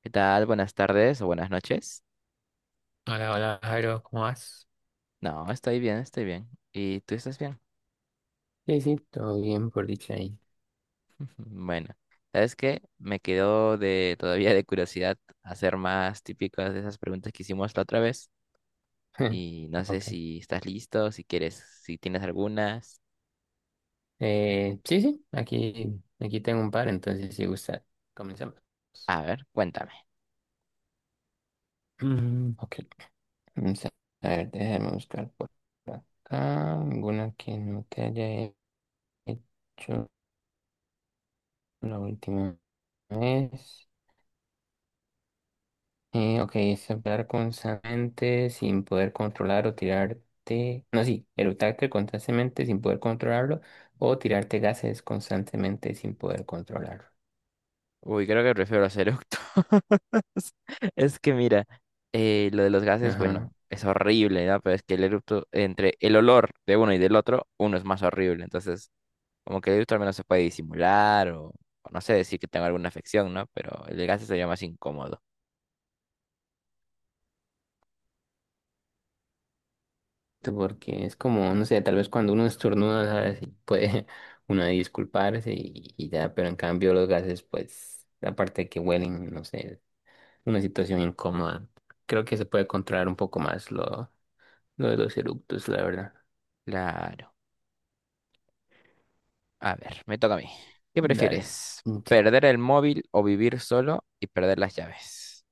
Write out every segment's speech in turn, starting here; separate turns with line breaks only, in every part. ¿Qué tal? Buenas tardes o buenas noches.
Hola, hola, Jairo, ¿cómo vas?
No, estoy bien, estoy bien. ¿Y tú estás bien?
Sí, sí, todo bien por dicha ahí.
Bueno, ¿sabes qué? Me quedó de todavía de curiosidad hacer más típicas de esas preguntas que hicimos la otra vez. Y no sé
Ok.
si estás listo, si quieres, si tienes algunas.
Sí, sí, aquí tengo un par, entonces si gusta, comenzamos.
A ver, cuéntame.
Ok, vamos a ver, déjame buscar por acá alguna que no te haya hecho la última vez. Ok, es hablar constantemente sin poder controlar o tirarte. No, sí, eructarte constantemente sin poder controlarlo o tirarte gases constantemente sin poder controlarlo.
Uy, creo que prefiero los eructos. Es que mira, lo de los gases,
Ajá,
bueno, es horrible, ¿no? Pero es que el eructo, entre el olor de uno y del otro, uno es más horrible. Entonces, como que el gusto al menos se puede disimular o no sé decir que tengo alguna afección, ¿no? Pero el desgaste sería más incómodo.
tú, porque es como, no sé, tal vez cuando uno estornuda, ¿sabes? Y puede uno disculparse y ya, pero en cambio los gases, pues, aparte de que huelen, no sé, una situación incómoda. Creo que se puede controlar un poco más lo de los eructos, la verdad.
Claro. A ver, me toca a mí. ¿Qué
Dale.
prefieres? ¿Perder el móvil o vivir solo y perder las llaves?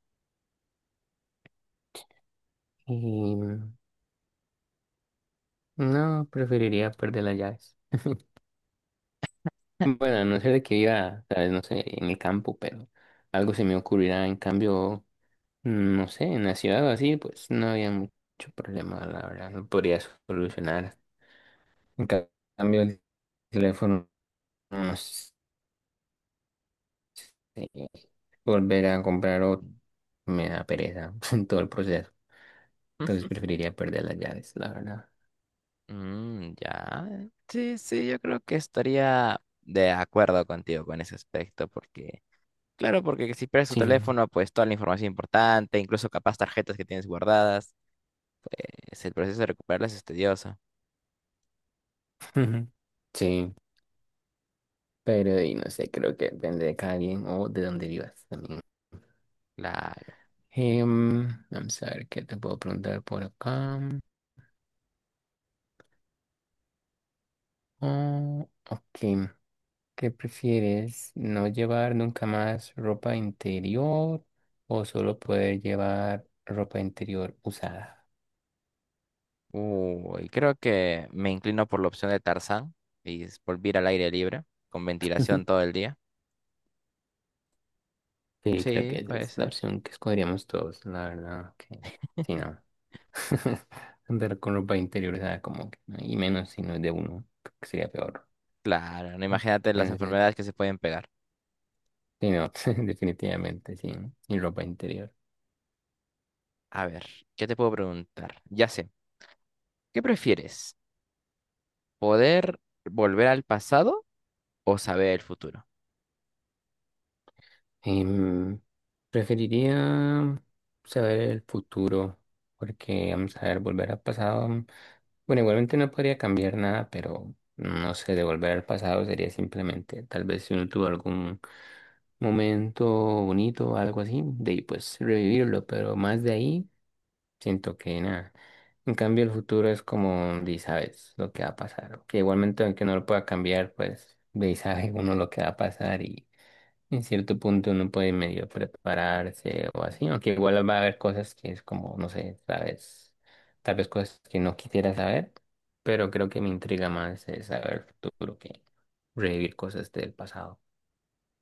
Sí. No, preferiría perder las llaves. Bueno, a no ser de que viva, tal vez, no sé, en el campo, pero algo se me ocurrirá. En cambio, no sé, en la ciudad o así, pues no había mucho problema, la verdad. Lo podría solucionar. En ca- cambio, el teléfono, no sé, volver a comprar otro me da pereza en todo el proceso. Entonces preferiría perder las llaves, la verdad.
Mm, ya. Sí, sí, yo creo que estaría de acuerdo contigo con ese aspecto, porque, claro, porque si pierdes tu
Sí.
teléfono, pues toda la información importante, incluso capaz tarjetas que tienes guardadas, es el proceso de recuperarlas es tedioso.
Sí, pero y no sé, creo que depende de cada quien o de dónde vivas también.
Claro.
Vamos a ver qué te puedo preguntar por acá. Oh, ok. ¿Qué prefieres? ¿No llevar nunca más ropa interior o solo poder llevar ropa interior usada?
Uy, creo que me inclino por la opción de Tarzán y es volver al aire libre, con ventilación todo el día.
Sí, creo
Sí,
que esa
puede
es la
ser.
opción que escogeríamos todos, la verdad. Que... Sí, no. Andar con ropa interior usada como que, no, y menos si no es de uno, creo que sería peor.
Claro, no imagínate las
Entonces,
enfermedades que se pueden pegar.
sí, no, definitivamente, sí, ¿no? Y ropa interior.
A ver, ¿qué te puedo preguntar? Ya sé, ¿qué prefieres? ¿Poder volver al pasado o saber el futuro?
Em, Preferiría saber el futuro, porque vamos a ver, volver al pasado. Bueno, igualmente no podría cambiar nada, pero no sé, de volver al pasado sería simplemente, tal vez si uno tuvo algún momento bonito o algo así, de ahí pues revivirlo, pero más de ahí siento que nada. En cambio, el futuro es como, de sabes lo que va a pasar, que igualmente aunque no lo pueda cambiar, pues de ahí sabe uno lo que va a pasar y. En cierto punto uno puede medio prepararse o así, aunque igual va a haber cosas que es como, no sé, tal vez cosas que no quisiera saber, pero creo que me intriga más es saber el futuro que revivir cosas del pasado.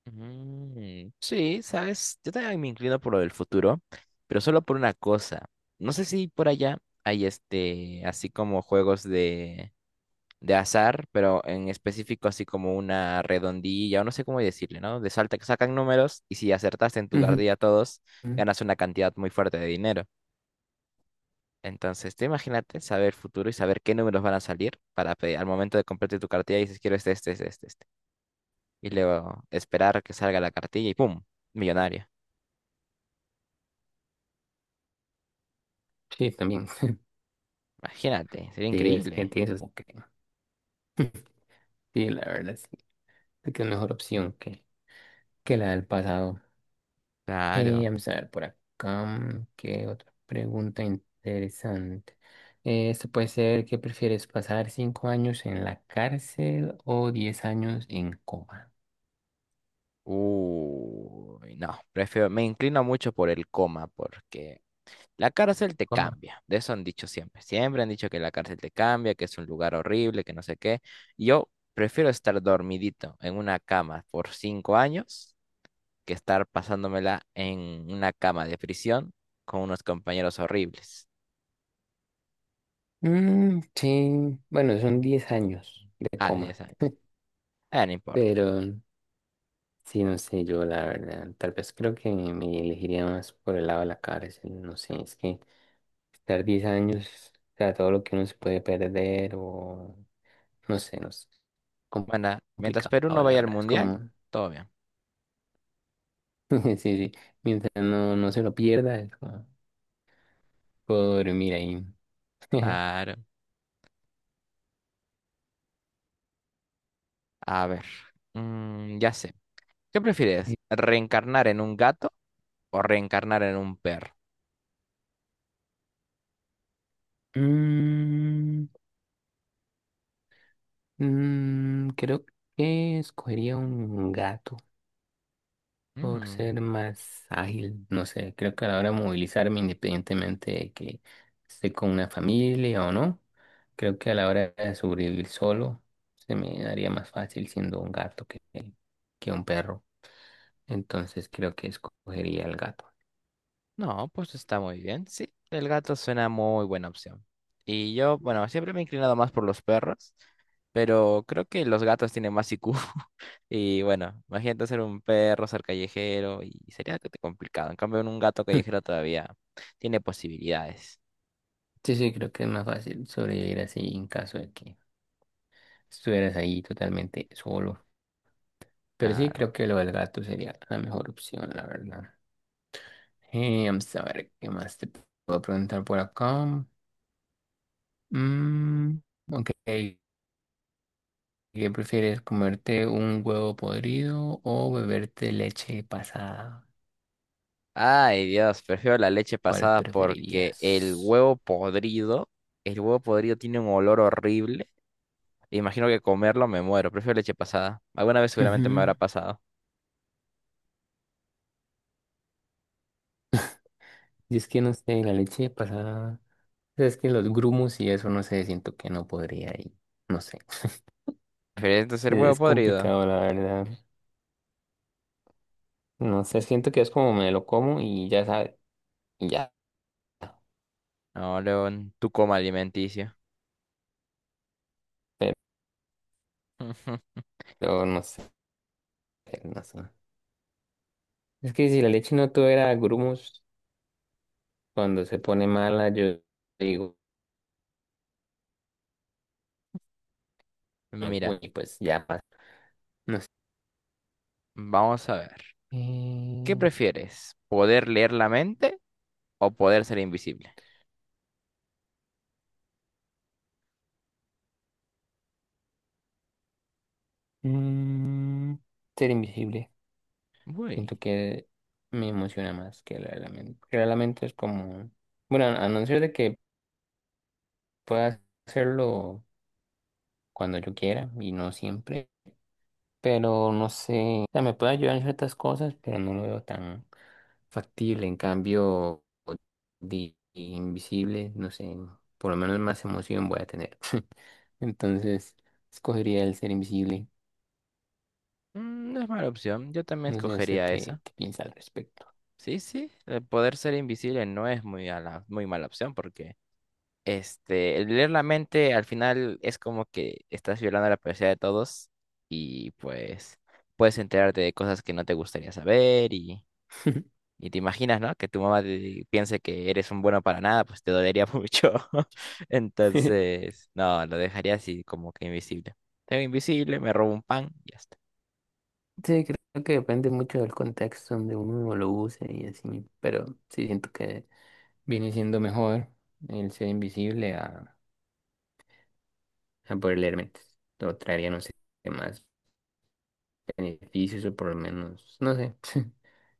Mm, sí, sabes, yo también me inclino por lo del futuro, pero solo por una cosa. No sé si por allá hay así como juegos de azar, pero en específico así como una redondilla, o no sé cómo decirle, ¿no? De salta que sacan números y si acertaste en tu
Ujú,
cartilla todos,
ujú.
ganas una cantidad muy fuerte de dinero. Entonces, tú imagínate saber el futuro y saber qué números van a salir para al momento de comprarte tu cartilla y dices, quiero este, este, este, este, este. Y luego esperar que salga la cartilla y ¡pum! Millonario.
Sí, también.
Imagínate, sería
Sí, es que
increíble.
tienes eso. Sí, la verdad sí, creo que es mejor opción que la del pasado.
Claro.
Vamos a ver por acá, qué otra pregunta interesante. Esto puede ser, ¿qué prefieres, pasar 5 años en la cárcel o 10 años en coma?
Uy, no, prefiero, me inclino mucho por el coma porque la cárcel te
Coma.
cambia, de eso han dicho siempre. Siempre han dicho que la cárcel te cambia, que es un lugar horrible, que no sé qué. Yo prefiero estar dormidito en una cama por cinco años que estar pasándomela en una cama de prisión con unos compañeros horribles.
Mm, sí, bueno, son 10 años de
Ah, 10
coma,
años. Ah, no importa.
pero sí, no sé, yo la verdad, tal vez creo que me elegiría más por el lado de la cárcel, no sé, es que estar 10 años, o sea, todo lo que uno se puede perder o no sé, no sé. com-
Bueno, mientras
Complicado,
Perú no
la
vaya al
verdad. Es
mundial,
como,
todo bien.
sí, sí. Mientras no, no se lo pierda, es como, puedo dormir ahí.
Claro. A ver, mm, ya sé. ¿Qué prefieres? ¿Reencarnar en un gato o reencarnar en un perro?
Mm, creo que escogería un gato por
Mm,
ser más ágil. No sé, creo que a la hora de movilizarme, independientemente de que esté con una familia o no, creo que a la hora de sobrevivir solo, se me daría más fácil siendo un gato que un perro. Entonces creo que escogería el gato.
no, pues está muy bien. Sí, el gato suena muy buena opción. Y yo, bueno, siempre me he inclinado más por los perros, pero creo que los gatos tienen más IQ. Y bueno, imagínate ser un perro, ser callejero, y sería que te complicado. En cambio, un gato callejero todavía tiene posibilidades.
Sí, sí, creo que es más fácil sobrevivir así en caso de que estuvieras ahí totalmente solo. Pero sí,
Claro.
creo que lo del gato sería la mejor opción, la verdad. Vamos a ver qué más te puedo preguntar por acá. Mm, ok, ¿qué prefieres? ¿Comerte un huevo podrido o beberte leche pasada?
Ay, Dios, prefiero la leche
¿Cuál
pasada porque
preferirías?
el huevo podrido tiene un olor horrible. Imagino que comerlo me muero. Prefiero leche pasada. Alguna vez seguramente me habrá
Ujú.
pasado.
Y es que no sé, la leche pasada. Es que los grumos y eso, no sé, siento que no podría y no sé.
¿Prefieres ser huevo
Es
podrido?
complicado, la verdad. No sé, siento que es como me lo como y ya sabe, y ya.
No, León, tu coma alimenticia.
Pero no sé, no sé. Es que si la leche no tuviera grumos, cuando se pone mala, yo digo,
Mira,
y pues ya pasa. No sé.
vamos a ver. ¿Qué
Eh,
prefieres? ¿Poder leer la mente o poder ser invisible?
mm, ser invisible.
Uy,
Siento que me emociona más que la del lamento. Que la del lamento es como. Bueno, a no ser de que puedo hacerlo cuando yo quiera y no siempre, pero no sé, o sea, me puede ayudar en ciertas cosas, pero no lo veo tan factible. En cambio, de invisible, no sé, por lo menos más emoción voy a tener. Entonces, escogería el ser invisible.
no es mala opción. Yo también
No sé usted
escogería
qué,
esa.
qué piensa al respecto.
Sí, sí, el poder ser invisible no es muy, muy mala opción porque el leer la mente al final es como que estás violando la privacidad de todos y pues puedes enterarte de cosas que no te gustaría saber. y Y te imaginas, ¿no? Que tu mamá piense que eres un bueno para nada, pues te dolería mucho. Entonces, no, lo dejaría así como que invisible. Tengo invisible, me robo un pan y ya está.
Sí, creo que depende mucho del contexto donde uno lo use y así, pero sí siento que viene siendo mejor el ser invisible a poder leer mentes. Lo traería, no sé, qué más beneficios o por lo menos, no sé.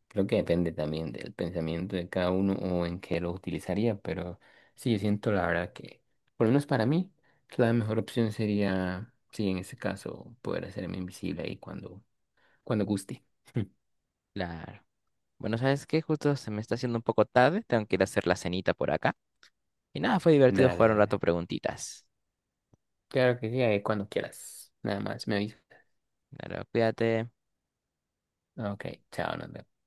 Creo que depende también del pensamiento de cada uno o en qué lo utilizaría, pero sí, yo siento la verdad que, por lo menos para mí, la mejor opción sería, sí, en este caso, poder hacerme invisible ahí cuando, cuando guste.
Claro. Bueno, ¿sabes qué? Justo se me está haciendo un poco tarde, tengo que ir a hacer la cenita por acá. Y nada, fue divertido
Dale,
jugar un
dale.
rato preguntitas.
Claro que sí, ahí cuando quieras. Nada más, me aviso.
Claro, cuídate.
Ok, chao, nos vemos.